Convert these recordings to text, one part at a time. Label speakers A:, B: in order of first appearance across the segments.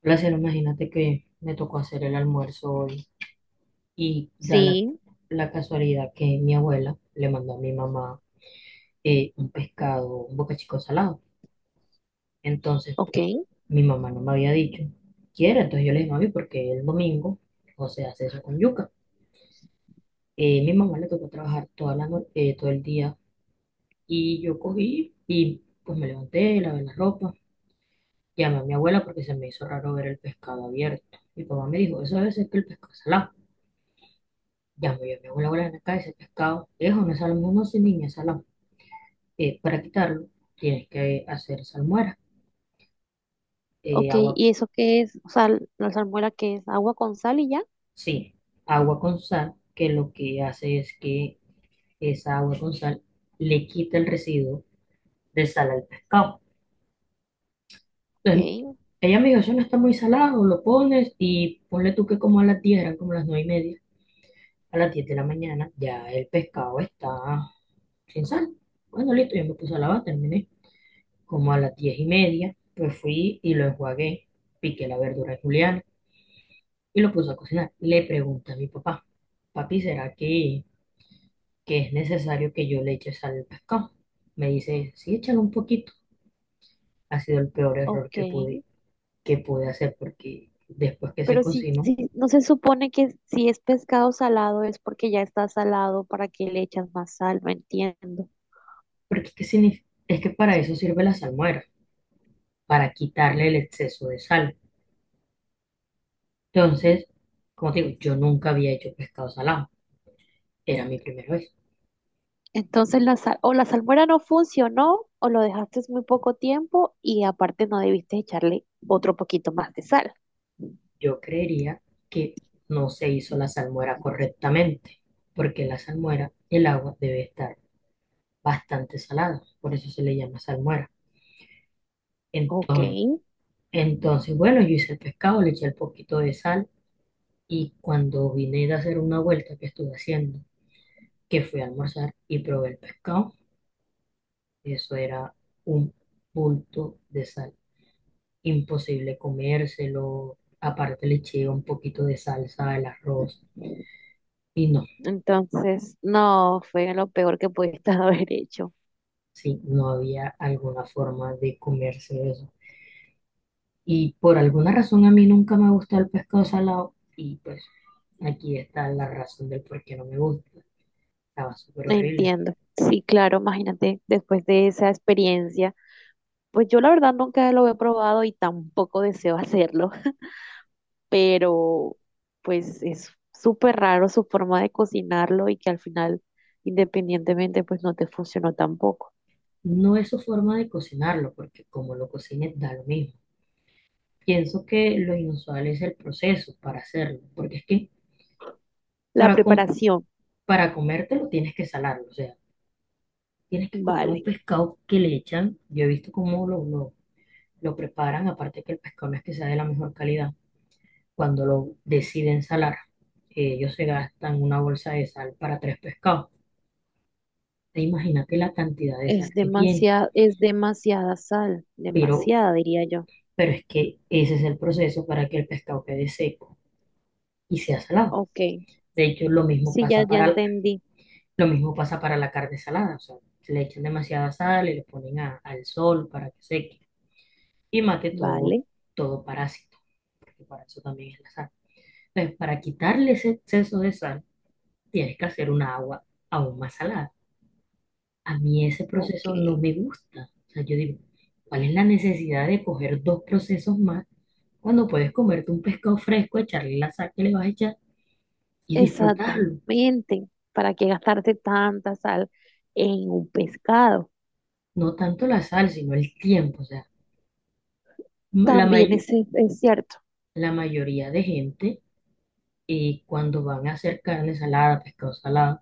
A: Placer, imagínate que me tocó hacer el almuerzo hoy y da la,
B: Sí,
A: la casualidad que mi abuela le mandó a mi mamá un pescado, un bocachico salado. Entonces, pues,
B: ok,
A: mi mamá no me había dicho, quiere. Entonces yo le dije, mami, porque el domingo José hace eso con yuca. Mi mamá le tocó trabajar toda la no- todo el día, y yo cogí y pues me levanté, lavé la ropa, llamé a mi abuela porque se me hizo raro ver el pescado abierto. Mi papá me dijo, eso debe ser que el pescado es salado. Llamo yo a mi abuela, abuela, ven acá, ese pescado es una salmuera. No, sin niña, salón. Para quitarlo tienes que hacer salmuera,
B: ok.
A: agua,
B: ¿Y eso qué es? O sea, la salmuera qué es agua con sal y ya.
A: sí, agua con sal, que lo que hace es que esa agua con sal le quita el residuo de sal al pescado.
B: Ok,
A: Entonces, ella me dijo, eso no está muy salado, lo pones y ponle tú que como a las 10, eran como las 9:30, a las 10 de la mañana ya el pescado está sin sal. Bueno, listo, yo me puse a lavar, terminé. Como a las 10:30, pues fui y lo enjuagué, piqué la verdura de juliana y lo puse a cocinar. Le pregunté a mi papá, papi, ¿será que, es necesario que yo le eche sal al pescado? Me dice, sí, échale un poquito. Ha sido el peor error
B: ok.
A: que pude hacer, porque después que se
B: Pero si,
A: cocinó,
B: si no se supone que si es pescado salado es porque ya está salado, ¿para que le echas más sal? No entiendo.
A: porque ¿qué significa? Es que para eso sirve la salmuera, para quitarle el exceso de sal. Entonces, como te digo, yo nunca había hecho pescado salado, era mi primera vez.
B: Entonces la sal, o la salmuera no funcionó o lo dejaste muy poco tiempo y aparte no debiste echarle otro poquito más de sal.
A: Yo creería que no se hizo la salmuera correctamente, porque la salmuera, el agua debe estar bastante salada, por eso se le llama salmuera.
B: Ok,
A: Entonces, entonces, bueno, yo hice el pescado, le eché un poquito de sal, y cuando vine de hacer una vuelta que estuve haciendo, que fui a almorzar y probé el pescado, eso era un bulto de sal, imposible comérselo. Aparte, le eché un poquito de salsa al arroz y no.
B: entonces no fue lo peor que pudiste haber hecho.
A: Sí, no había alguna forma de comerse eso. Y por alguna razón a mí nunca me gusta el pescado salado, y pues aquí está la razón del por qué no me gusta. Estaba súper horrible.
B: Entiendo. Sí, claro, imagínate, después de esa experiencia, pues yo la verdad nunca lo he probado y tampoco deseo hacerlo. Pero pues es súper raro su forma de cocinarlo y que al final, independientemente, pues no te funcionó tampoco.
A: No es su forma de cocinarlo, porque como lo cocines da lo mismo. Pienso que lo inusual es el proceso para hacerlo, porque es que
B: La
A: para, com-
B: preparación,
A: para comértelo tienes que salarlo. O sea, tienes que coger un
B: vale,
A: pescado que le echan. Yo he visto cómo lo preparan, aparte que el pescado no es que sea de la mejor calidad cuando lo deciden salar, ellos se gastan una bolsa de sal para tres pescados. Imagínate la cantidad de sal que tiene,
B: es demasiada sal,
A: pero,
B: demasiada, diría yo.
A: pero es que ese es el proceso para que el pescado quede seco y sea salado.
B: Ok,
A: De hecho,
B: sí, ya, ya entendí.
A: lo mismo pasa para la carne salada. O sea, se le echan demasiada sal y le ponen al sol para que seque y mate todo,
B: Vale,
A: todo parásito, porque para eso también es la sal. Entonces, para quitarle ese exceso de sal, tienes que hacer una agua aún más salada. A mí ese
B: ok,
A: proceso no me gusta. O sea, yo digo, ¿cuál es la necesidad de coger dos procesos más cuando puedes comerte un pescado fresco, echarle la sal que le vas a echar y disfrutarlo?
B: exactamente. ¿Para qué gastarte tanta sal en un pescado?
A: No tanto la sal, sino el tiempo. O sea, ma- la
B: También
A: mayo-
B: es cierto,
A: la mayoría de gente, cuando van a hacer carne salada, pescado salado,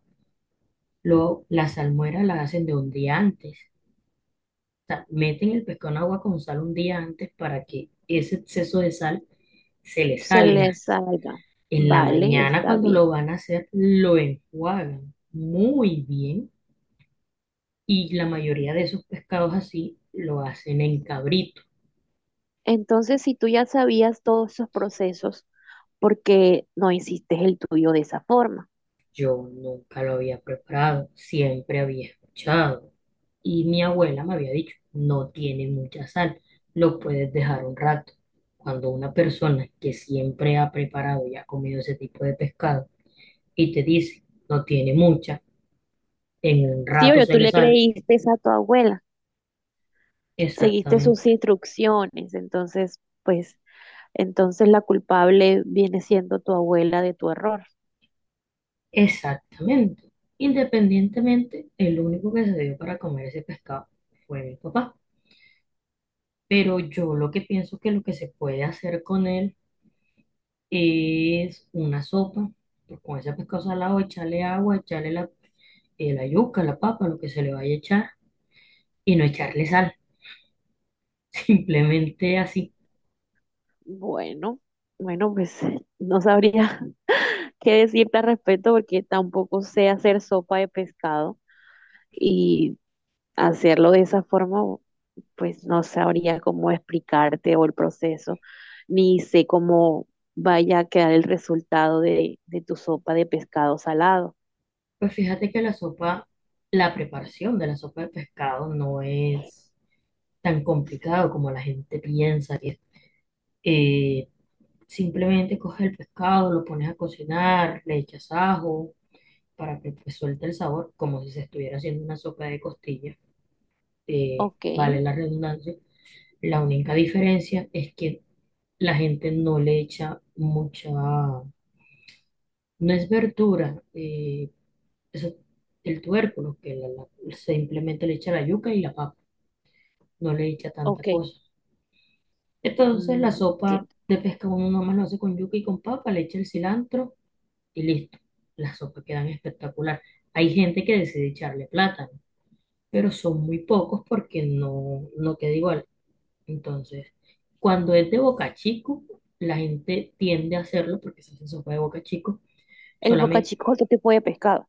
A: lo, la salmuera la hacen de un día antes. O sea, meten el pescado en agua con sal un día antes para que ese exceso de sal se le
B: se le
A: salga.
B: salga.
A: En la
B: Vale,
A: mañana
B: está
A: cuando lo
B: bien.
A: van a hacer, lo enjuagan muy bien, y la mayoría de esos pescados así lo hacen en cabrito.
B: Entonces, si tú ya sabías todos esos procesos, ¿por qué no hiciste el tuyo de esa forma?
A: Yo nunca lo había preparado, siempre había escuchado y mi abuela me había dicho, no tiene mucha sal, lo puedes dejar un rato. Cuando una persona que siempre ha preparado y ha comido ese tipo de pescado y te dice, no tiene mucha, en un
B: Sí,
A: rato
B: obvio,
A: se
B: tú
A: le
B: le
A: sale,
B: creíste a tu abuela, seguiste
A: exactamente.
B: sus instrucciones, entonces, pues, entonces la culpable viene siendo tu abuela de tu error.
A: Exactamente. Independientemente, el único que se dio para comer ese pescado fue mi papá. Pero yo lo que pienso que lo que se puede hacer con él es una sopa. Pues con ese pescado salado, echarle agua, echarle la yuca, la papa, lo que se le vaya a echar, y no echarle sal. Simplemente así.
B: Bueno, bueno, pues no sabría qué decirte al respecto porque tampoco sé hacer sopa de pescado y hacerlo de esa forma, pues no sabría cómo explicarte o el proceso, ni sé cómo vaya a quedar el resultado de tu sopa de pescado salado.
A: Pues fíjate que la sopa, la preparación de la sopa de pescado no es tan complicado como la gente piensa que es. Eh, Simplemente coges el pescado, lo pones a cocinar, le echas ajo para que pues suelte el sabor, como si se estuviera haciendo una sopa de costillas.
B: Ok,
A: Vale la redundancia. La única diferencia es que la gente no le echa mucha, no es verdura, eso- el tubérculo, simplemente le echa la yuca y la papa, no le echa tanta
B: ok,
A: cosa. Entonces la
B: mm,
A: sopa
B: entiendo.
A: de pescado uno nomás lo hace con yuca y con papa, le echa el cilantro y listo. Las sopas quedan espectacular. Hay gente que decide echarle plátano, pero son muy pocos porque no, no queda igual. Entonces, cuando es de boca chico, la gente tiende a hacerlo porque se hace sopa de boca chico.
B: El
A: Solamente,
B: bocachico es otro tipo de pescado.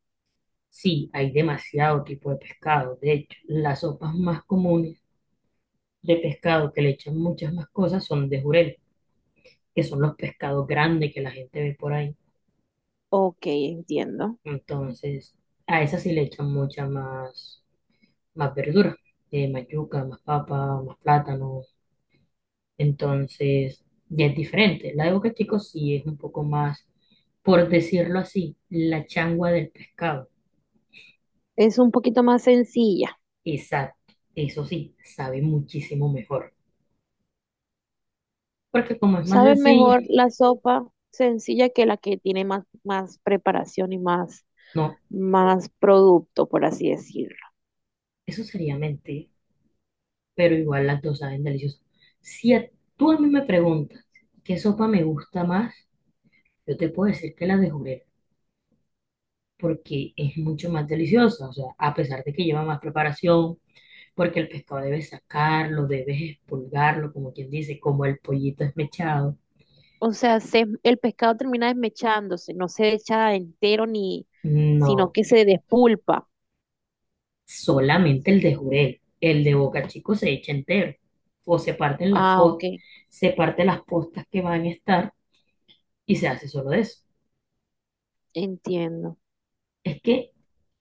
A: sí, hay demasiado tipo de pescado. De hecho, las sopas más comunes de pescado, que le echan muchas más cosas, son de jurel, que son los pescados grandes que la gente ve por ahí.
B: Ok, entiendo.
A: Entonces, a esas sí le echan mucha más verdura, más yuca, más papa, más plátano. Entonces, ya es diferente. La de Boquetico sí es un poco más, por decirlo así, la changua del pescado.
B: Es un poquito más sencilla.
A: Exacto, eso sí, sabe muchísimo mejor. Porque como es más
B: Sabe
A: sencilla,
B: mejor la sopa sencilla que la que tiene más, más preparación y más
A: no,
B: más producto, por así decirlo.
A: eso sería mentir, pero igual las dos saben deliciosas. Si a- Tú a mí me preguntas qué sopa me gusta más, yo te puedo decir que la de jurel, porque es mucho más deliciosa. O sea, a pesar de que lleva más preparación, porque el pescado debes sacarlo, debes expulgarlo, como quien dice, como el pollito esmechado.
B: O sea, el pescado termina desmechándose, no se echa entero ni, sino
A: No,
B: que se despulpa.
A: solamente el de jurel, el de boca chico se echa entero o se parten las
B: Ah, ok,
A: postas, se parte las postas que van a estar y se hace solo de eso.
B: entiendo.
A: Es que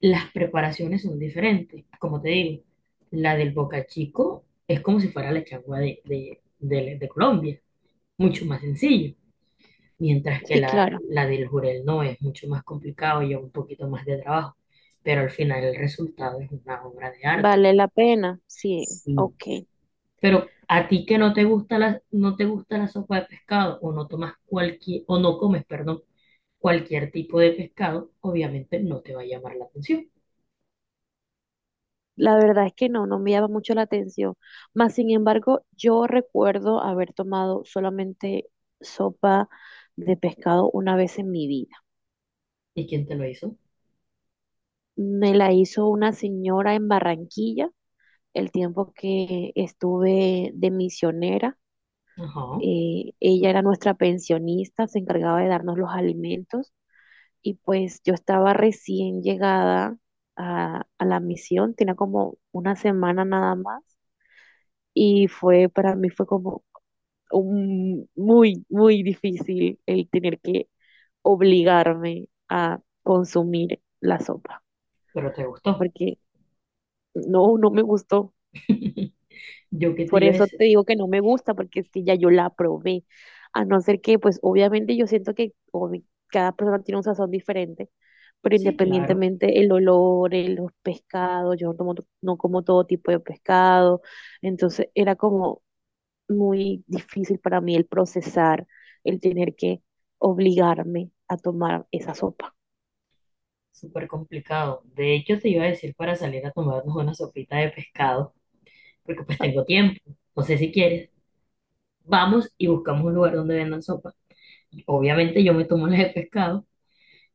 A: las preparaciones son diferentes, como te digo, la del boca chico es como si fuera la changua de Colombia, mucho más sencillo. Mientras que
B: Sí,
A: la,
B: claro,
A: la del jurel no es mucho más complicado y lleva un poquito más de trabajo, pero al final el resultado es una obra de arte.
B: vale la pena. Sí,
A: Sí.
B: ok.
A: Pero a ti que no te gusta no te gusta la sopa de pescado, o no tomas o no comes, perdón, cualquier tipo de pescado, obviamente no te va a llamar la atención.
B: La verdad es que no, no me llama mucho la atención. Más sin embargo, yo recuerdo haber tomado solamente sopa de pescado una vez en mi vida.
A: ¿Y quién te lo hizo?
B: Me la hizo una señora en Barranquilla el tiempo que estuve de misionera.
A: Ajá,
B: Ella era nuestra pensionista, se encargaba de darnos los alimentos y pues yo estaba recién llegada a la misión, tenía como una semana nada más y fue para mí fue como muy, muy difícil el tener que obligarme a consumir la sopa,
A: pero te gustó.
B: porque no, no me gustó.
A: Yo qué te
B: Por
A: iba a
B: eso te
A: decir.
B: digo que no me gusta, porque es que ya yo la probé. A no ser que, pues obviamente yo siento que cada persona tiene un sazón diferente, pero
A: Sí, claro,
B: independientemente el olor, los pescados, yo no tomo, no como todo tipo de pescado, entonces era como muy difícil para mí el procesar, el tener que obligarme a tomar esa sopa.
A: súper complicado. De hecho, te iba a decir para salir a tomarnos una sopita de pescado, porque pues
B: Ah,
A: tengo tiempo. No sé si quieres. Vamos y buscamos un lugar donde vendan sopa. Obviamente yo me tomo las de pescado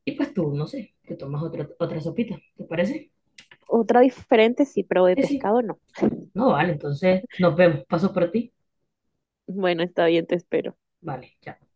A: y pues tú, no sé, te tomas otra, otra sopita. ¿Te parece?
B: otra diferente, sí, pero de
A: Sí, sí.
B: pescado no.
A: No, vale, entonces nos vemos. Paso por ti.
B: Bueno, está bien, te espero.
A: Vale, chao.